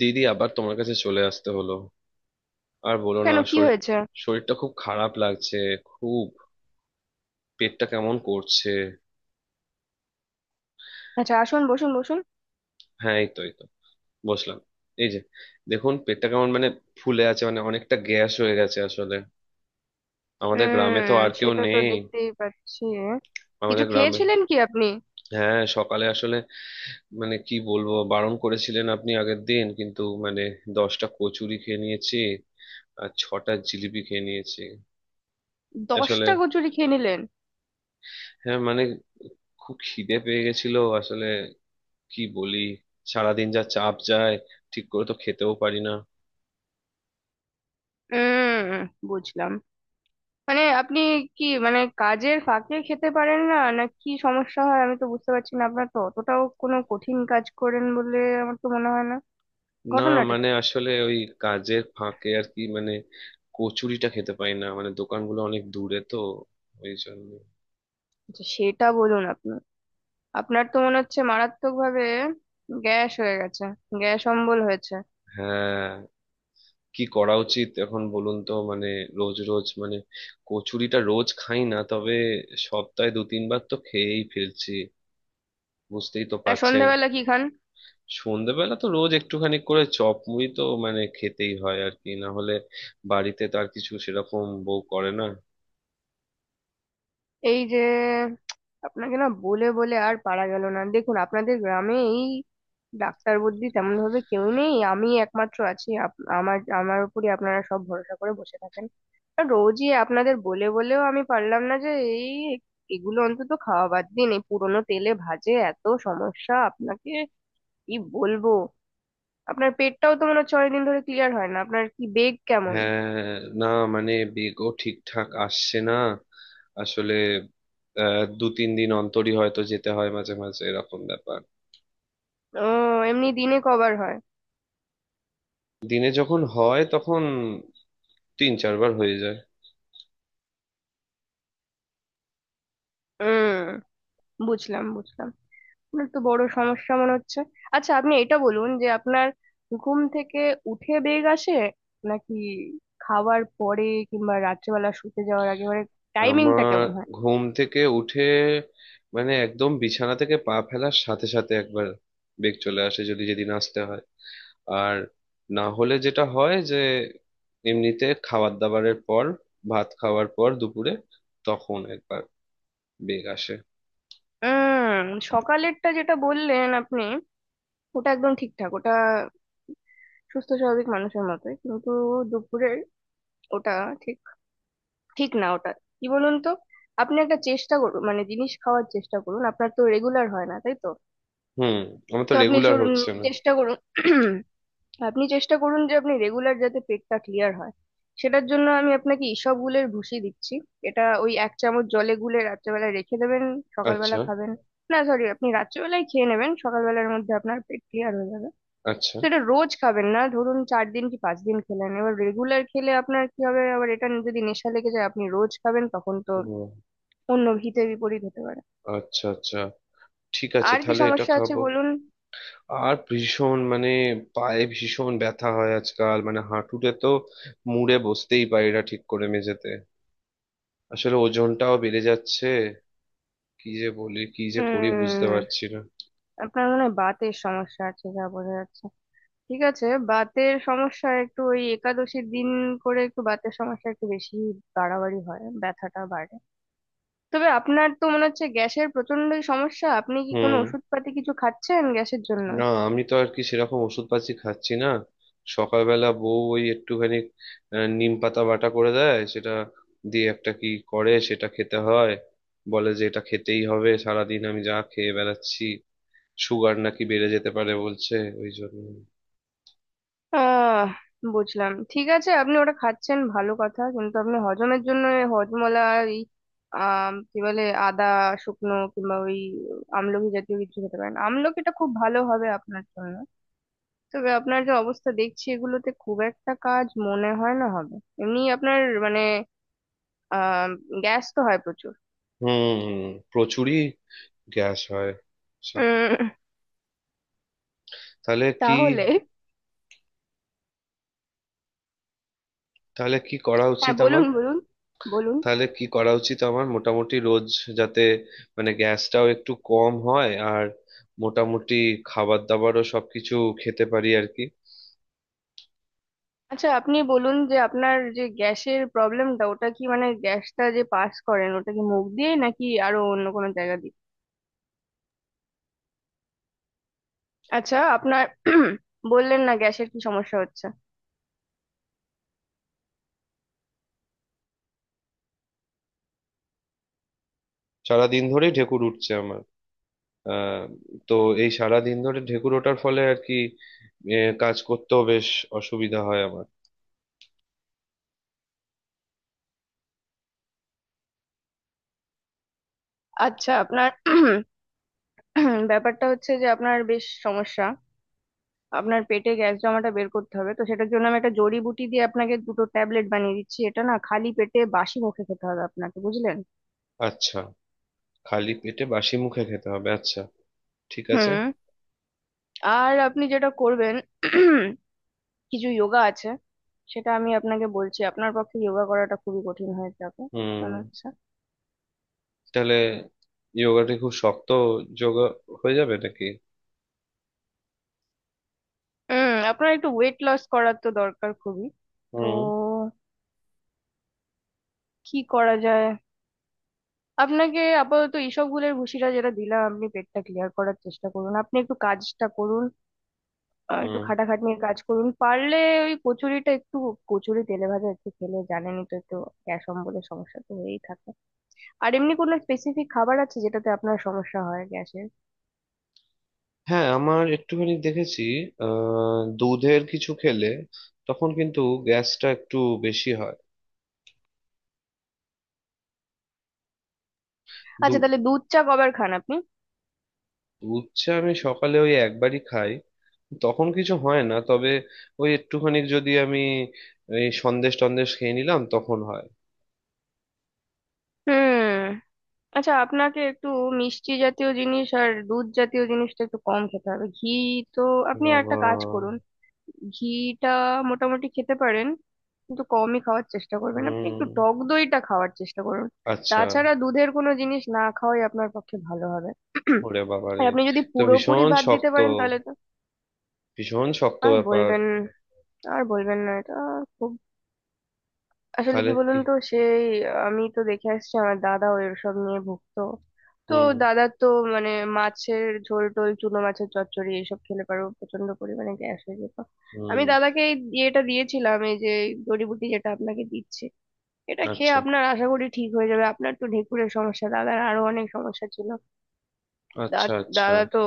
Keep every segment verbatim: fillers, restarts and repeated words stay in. দিদি, আবার তোমার কাছে চলে আসতে হলো। আর বলো কেন না, কি শরীর। হয়েছে? শরীরটা খুব খারাপ লাগছে। খুব। পেটটা কেমন করছে। আচ্ছা, আসুন, বসুন বসুন। হ্যাঁ, এই তো এই তো, বসলাম। এই যে, দেখুন পেটটা কেমন, মানে ফুলে আছে, মানে অনেকটা গ্যাস হয়ে গেছে আসলে। আমাদের গ্রামে তো হুম, আর কেউ সেটা তো নেই। দেখতেই পাচ্ছি। আমাদের কিছু গ্রামে। খেয়েছিলেন কি আপনি? হ্যাঁ, সকালে আসলে মানে কি বলবো, বারণ করেছিলেন আপনি আগের দিন, কিন্তু মানে দশটা কচুরি খেয়ে নিয়েছি, আর ছটা জিলিপি খেয়ে নিয়েছি। আসলে, দশটা কচুরি খেয়ে নিলেন? হ্যাঁ মানে, খুব খিদে পেয়ে গেছিল আসলে, কি বলি। সারাদিন যা চাপ যায়, ঠিক করে তো খেতেও পারি না। হুম, বুঝলাম। মানে আপনি কি, মানে, কাজের ফাঁকে খেতে পারেন না, না কি সমস্যা হয়? আমি তো বুঝতে পারছি না। আপনার তো অতটাও কোনো কঠিন কাজ করেন বলে আমার তো মনে হয় না। না, ঘটনাটা কি? মানে আসলে ওই কাজের ফাঁকে আর কি, মানে কচুরিটা খেতে পারি না, মানে দোকানগুলো অনেক দূরে তো, ওই জন্য। আচ্ছা, সেটা বলুন আপনি। আপনার তো মনে হচ্ছে মারাত্মক ভাবে গ্যাস হয়ে গেছে, গ্যাস অম্বল হয়েছে। হ্যাঁ, কি করা উচিত এখন বলুন তো, মানে রোজ রোজ মানে কচুরিটা রোজ খাই না, তবে সপ্তাহে দু তিনবার তো খেয়েই ফেলছি, বুঝতেই তো আর পারছেন। সন্ধ্যাবেলা কি খান? সন্ধ্যেবেলা তো রোজ একটুখানি করে চপ মুড়ি তো মানে খেতেই হয় আর কি, না হলে বাড়িতে তো আর কিছু সেরকম বউ করে না। এই যে, আপনাকে না বলে বলে আর পারা গেল না। দেখুন, আপনাদের গ্রামে এই ডাক্তার বুদ্ধি তেমন ভাবে কেউ নেই, আমি একমাত্র আছি। আপ- আমার আমার উপরই আপনারা সব ভরসা করে বসে থাকেন। আর রোজই আপনাদের বলে বলেও আমি পারলাম না যে এই এগুলো অন্তত খাওয়া বাদ দিন। এই পুরোনো তেলে ভাজে এত সমস্যা আপনাকে, কি বলবো। আপনার পেটটাও তো মনে হচ্ছে অনেকদিন ধরে ক্লিয়ার হয় না। আপনার কি বেগ কেমন? হ্যাঁ না, মানে বেগও ঠিকঠাক আসছে না আসলে। আহ, দু তিন দিন অন্তরই হয়তো যেতে হয়, মাঝে মাঝে এরকম ব্যাপার। ও, এমনি দিনে কবার হয়? দিনে যখন হয় তখন তিন চারবার হয়ে যায়। হুম, বুঝলাম বুঝলাম তাহলে তো বড় সমস্যা মনে হচ্ছে। আচ্ছা আপনি এটা বলুন যে আপনার ঘুম থেকে উঠে বেগ আসে, নাকি খাওয়ার পরে, কিংবা রাত্রেবেলা শুতে যাওয়ার আগে? মানে টাইমিংটা আমার কেমন হয়? ঘুম থেকে উঠে মানে একদম বিছানা থেকে পা ফেলার সাথে সাথে একবার বেগ চলে আসে, যদি যেদিন আসতে হয়। আর না হলে যেটা হয় যে এমনিতে খাবার দাবারের পর, ভাত খাওয়ার পর দুপুরে, তখন একবার বেগ আসে। উম, সকালেরটা যেটা বললেন আপনি, ওটা একদম ঠিকঠাক। ওটা সুস্থ স্বাভাবিক মানুষের মতোই। কিন্তু দুপুরের ওটা ঠিক ঠিক না ওটা, কি বলুন তো। আপনি একটা চেষ্টা করুন, মানে জিনিস খাওয়ার চেষ্টা করুন। আপনার তো রেগুলার হয় না, তাই তো? হুম। আমার তো তো আপনি রেগুলার চলুন, হচ্ছে না। চেষ্টা করুন। আপনি চেষ্টা করুন যে আপনি রেগুলার, যাতে পেটটা ক্লিয়ার হয়। সেটার জন্য আমি আপনাকে ইসব গুলের ভুষি দিচ্ছি। এটা ওই এক চামচ জলে গুলে রাত্রেবেলা রেখে দেবেন, আচ্ছা। সকালবেলা খাবেন। না সরি, আপনি রাত্রেবেলায় খেয়ে নেবেন, সকালবেলার মধ্যে আপনার পেট ক্লিয়ার হয়ে যাবে। আচ্ছা। তো এটা রোজ খাবেন না, ধরুন চার দিন কি পাঁচ দিন খেলেন। এবার রেগুলার খেলে আপনার কি হবে, আবার এটা যদি নেশা লেগে যায়, আপনি রোজ খাবেন, তখন তো ও। অন্য হিতে বিপরীত হতে পারে। আচ্ছা আচ্ছা, ঠিক আছে, আর কি তাহলে এটা সমস্যা আছে খাবো। বলুন। আর ভীষণ, মানে পায়ে ভীষণ ব্যথা হয় আজকাল, মানে হাঁটুতে তো মুড়ে বসতেই পারি না ঠিক করে মেঝেতে। আসলে ওজনটাও বেড়ে যাচ্ছে। কি যে বলি, কি যে করি, বুঝতে উম, পারছি না। আপনার মনে হয় বাতের সমস্যা আছে, যা বোঝা যাচ্ছে। ঠিক আছে, বাতের সমস্যা একটু ওই একাদশীর দিন করে একটু বাতের সমস্যা একটু বেশি বাড়াবাড়ি হয়, ব্যথাটা বাড়ে। তবে আপনার তো মনে হচ্ছে গ্যাসের প্রচন্ডই সমস্যা। আপনি কি কোনো হুম। ওষুধপাতি কিছু খাচ্ছেন গ্যাসের জন্য? না, আমি তো আর কি সেরকম ওষুধ পাতি খাচ্ছি না। সকালবেলা বউ ওই একটুখানি আহ, নিম পাতা বাটা করে দেয়, সেটা দিয়ে একটা কি করে, সেটা খেতে হয়। বলে যে এটা খেতেই হবে, সারাদিন আমি যা খেয়ে বেড়াচ্ছি সুগার নাকি বেড়ে যেতে পারে বলছে, ওই জন্য। আহ বুঝলাম। ঠিক আছে, আপনি ওটা খাচ্ছেন ভালো কথা। কিন্তু আপনি হজমের জন্য এই হজমলা, এই, আহ কি বলে, আদা শুকনো, কিংবা ওই আমলকি জাতীয় কিছু খেতে পারেন। আমলকিটা খুব ভালো হবে আপনার জন্য। তবে আপনার যে অবস্থা দেখছি, এগুলোতে খুব একটা কাজ মনে হয় না হবে। এমনি আপনার, মানে, আহ গ্যাস তো হয় প্রচুর। হুম। প্রচুরই গ্যাস হয়। সা- উম, তাহলে কি, তাহলে, তাহলে কি করা হ্যাঁ উচিত বলুন আমার। বলুন। বলুন। তাহলে কি করা উচিত আমার মোটামুটি রোজ, যাতে মানে গ্যাসটাও একটু কম হয়, আর মোটামুটি খাবার দাবারও সবকিছু খেতে পারি আর কি। আচ্ছা আপনি বলুন যে আপনার যে গ্যাসের প্রবলেমটা, ওটা কি, মানে গ্যাসটা যে পাস করেন, ওটা কি মুখ দিয়ে নাকি আরো অন্য কোনো জায়গা দিয়ে? আচ্ছা আপনার বললেন না গ্যাসের কি সমস্যা হচ্ছে। সারাদিন ধরেই ঢেকুর উঠছে আমার। আহ তো এই সারাদিন ধরে ঢেকুর ওঠার ফলে আর কি, এ, কাজ করতেও বেশ অসুবিধা হয় আমার। আচ্ছা, আপনার ব্যাপারটা হচ্ছে যে আপনার বেশ সমস্যা। আপনার পেটে গ্যাস জমাটা বের করতে হবে, তো সেটার জন্য আমি একটা জড়িবুটি দিয়ে আপনাকে দুটো ট্যাবলেট বানিয়ে দিচ্ছি। এটা না, খালি পেটে বাসি মুখে খেতে হবে আপনাকে, বুঝলেন? আচ্ছা। খালি পেটে বাসি মুখে খেতে হবে, আচ্ছা, ঠিক আছে। হুম। আর আপনি যেটা করবেন, কিছু যোগা আছে, সেটা আমি আপনাকে বলছি। আপনার পক্ষে যোগা করাটা খুবই কঠিন হয়ে যাবে মনে হুম। হচ্ছে। তাহলে যোগাটি খুব শক্ত যোগা হয়ে যাবে নাকি? হুম, আপনার একটু ওয়েট লস করার তো দরকার খুবই। তো হুম। কি করা যায়। আপনাকে আপাতত এইসব গুলের ভুসিটা যেটা দিলাম, আপনি পেটটা ক্লিয়ার করার চেষ্টা করুন। আপনি একটু কাজটা করুন, আহ, একটু হুম। খাটাখাটনির কাজ করুন পারলে। ওই কচুরিটা একটু, কচুরি তেলে ভাজা একটু খেলে জানেনই তো, একটু গ্যাস অম্বলের সমস্যা তো হয়েই থাকে। আর এমনি কোনো স্পেসিফিক খাবার আছে যেটাতে আপনার সমস্যা হয় গ্যাসের? হ্যাঁ, আমার একটুখানি দেখেছি। আহ দুধের কিছু খেলে তখন কিন্তু গ্যাসটা একটু বেশি হয়। আচ্ছা দু- তাহলে দুধ চা কবার খান আপনি? দুধ চা আমি সকালে ওই একবারই খাই, তখন কিছু হয় না, তবে ওই একটুখানি যদি আমি এই সন্দেশ টন্দেশ খেয়ে নিলাম তখন হয়। হুম, আচ্ছা। আপনাকে একটু মিষ্টি জাতীয় জিনিস আর দুধ জাতীয় জিনিসটা একটু কম খেতে হবে। ঘি, তো আপনি একটা বাবা। কাজ করুন, ঘিটা মোটামুটি খেতে পারেন, কিন্তু কমই খাওয়ার চেষ্টা করবেন। আপনি হুম। একটু টক দইটা খাওয়ার চেষ্টা করুন। আচ্ছা। তাছাড়া দুধের কোনো জিনিস না খাওয়াই আপনার পক্ষে ভালো হবে। ওরে বাবা আর রে, আপনি যদি তো পুরোপুরি ভীষণ বাদ দিতে শক্ত, পারেন তাহলে তো। ভীষণ শক্ত আর ব্যাপার। বলবেন, আর বলবেন না এটা, খুব। আসলে কি তাহলে বলুন কি। তো সেই, আমি তো দেখে আসছি আমার দাদা ওই সব নিয়ে ভুগতো। তো হুম। দাদা তো, মানে, মাছের ঝোল টোল, চুনো মাছের চচ্চড়ি এইসব খেলে পারো প্রচন্ড পরিমাণে গ্যাস হয়ে যেত। আমি হুম। দাদাকে এই ইয়েটা দিয়েছিলাম, এই যে জড়িবুটি যেটা আপনাকে দিচ্ছি, এটা খেয়ে আচ্ছা আপনার আশা করি ঠিক হয়ে যাবে। আপনার তো ঢেঁকুরের সমস্যা, দাদার আরো অনেক সমস্যা ছিল। আচ্ছা। দা- আচ্ছা। দাদা তো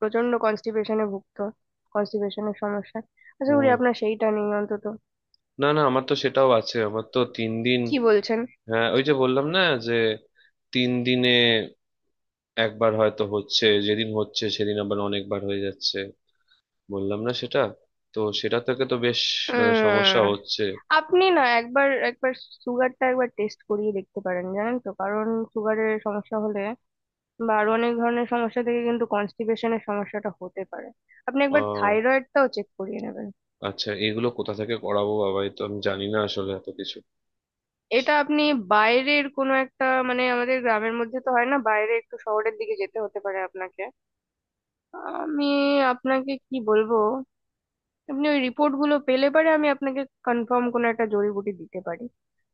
প্রচন্ড কনস্টিপেশনে ভুগতো। কনস্টিপেশনের সমস্যা আশা করি হুম। আপনার সেইটা নেই অন্তত। না না, আমার তো সেটাও আছে, আমার তো তিন দিন। কি বলছেন! হ্যাঁ, ওই যে বললাম না, যে তিন দিনে একবার হয়তো হচ্ছে, যেদিন হচ্ছে সেদিন আবার অনেকবার হয়ে যাচ্ছে, বললাম না সেটা, তো সেটা থেকে তো বেশ, মানে সমস্যা উম, হচ্ছে। আপনি না একবার একবার সুগারটা একবার টেস্ট করিয়ে দেখতে পারেন, জানেন তো, কারণ সুগারের সমস্যা হলে বা আরো অনেক ধরনের সমস্যা থেকে কিন্তু কনস্টিপেশনের সমস্যাটা হতে পারে। আপনি একবার আহ থাইরয়েডটাও চেক করিয়ে নেবেন। আচ্ছা এগুলো কোথা থেকে করাবো, বাবা, এ তো আমি জানি না আসলে এত কিছু। এটা আপনি বাইরের কোনো একটা, মানে আমাদের গ্রামের মধ্যে তো হয় না, বাইরে একটু শহরের দিকে যেতে হতে পারে আপনাকে। আমি আপনাকে কি বলবো, আপনি ওই রিপোর্ট গুলো পেলে পরে আমি আপনাকে কনফার্ম কোনো একটা জড়িবুটি দিতে পারি।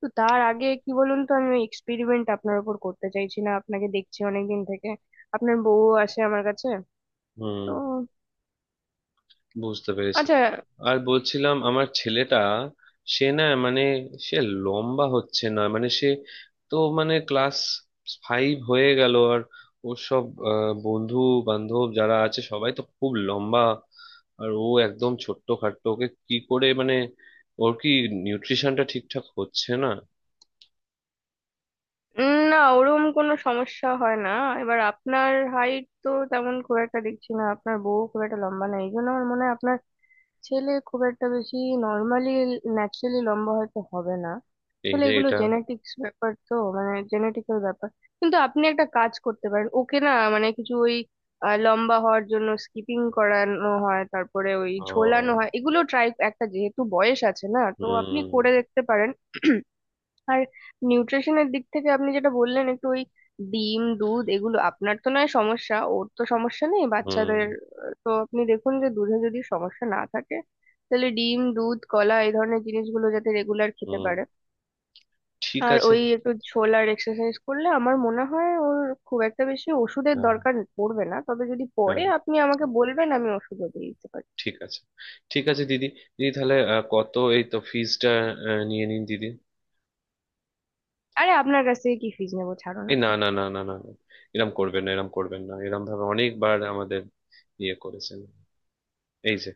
তো তার আগে কি বলুন তো, আমি এক্সপেরিমেন্ট আপনার উপর করতে চাইছি না। আপনাকে দেখছি অনেকদিন থেকে, আপনার বউ আসে আমার কাছে। হুম। তো বুঝতে পেরেছি। আচ্ছা। আর বলছিলাম আমার ছেলেটা, সে না মানে, সে লম্বা হচ্ছে না, মানে সে তো মানে ক্লাস ফাইভ হয়ে গেল আর ওর সব আহ, বন্ধু বান্ধব যারা আছে সবাই তো খুব লম্বা, আর ও একদম ছোট্ট খাট্ট, ওকে কি করে, মানে ওর কি নিউট্রিশনটা ঠিকঠাক হচ্ছে না। উম, না, ওরম কোনো সমস্যা হয় না। এবার আপনার হাইট তো তেমন খুব একটা দেখছি না, আপনার বউ খুব একটা লম্বা না, এই জন্য আমার মনে হয় আপনার ছেলে খুব একটা বেশি নর্মালি, ন্যাচারালি লম্বা হয়তো হবে না। এই আসলে রে এগুলো এটা। জেনেটিক্স ব্যাপার তো, মানে জেনেটিক্যাল ব্যাপার। কিন্তু আপনি একটা কাজ করতে পারেন, ওকে না মানে কিছু ওই, আহ, লম্বা হওয়ার জন্য স্কিপিং করানো হয়, তারপরে ওই ঝোলানো ও। হয়, এগুলো ট্রাই একটা, যেহেতু বয়স আছে না, তো আপনি হুম। করে দেখতে পারেন। আর নিউট্রিশনের দিক থেকে আপনি যেটা বললেন, একটু ওই ডিম দুধ এগুলো, আপনার তো নয় সমস্যা, ওর তো সমস্যা নেই হুম। বাচ্চাদের। আহ, তো আপনি দেখুন যে দুধে যদি সমস্যা না থাকে, তাহলে ডিম দুধ কলা এই ধরনের জিনিসগুলো যাতে রেগুলার খেতে হুম। পারে। ঠিক আর আছে। ওই একটু ছোলার এক্সারসাইজ করলে আমার মনে হয় ওর খুব একটা বেশি ওষুধের হ্যাঁ, দরকার পড়বে না। তবে যদি পড়ে, হ্যাঁ, আপনি আমাকে বলবেন, আমি ওষুধও দিয়ে দিতে পারি। ঠিক আছে, ঠিক আছে দিদি। দিদি তাহলে, আহ, কত, এই তো ফিজটা নিয়ে নিন দিদি। আরে আপনার কাছ থেকে কি ফিজ নেবো, ছাড়ুন এই, না আপনি। না না না না না, এরম করবেন না, এরম করবেন না, এরম ভাবে অনেকবার আমাদের ইয়ে করেছেন, এই যে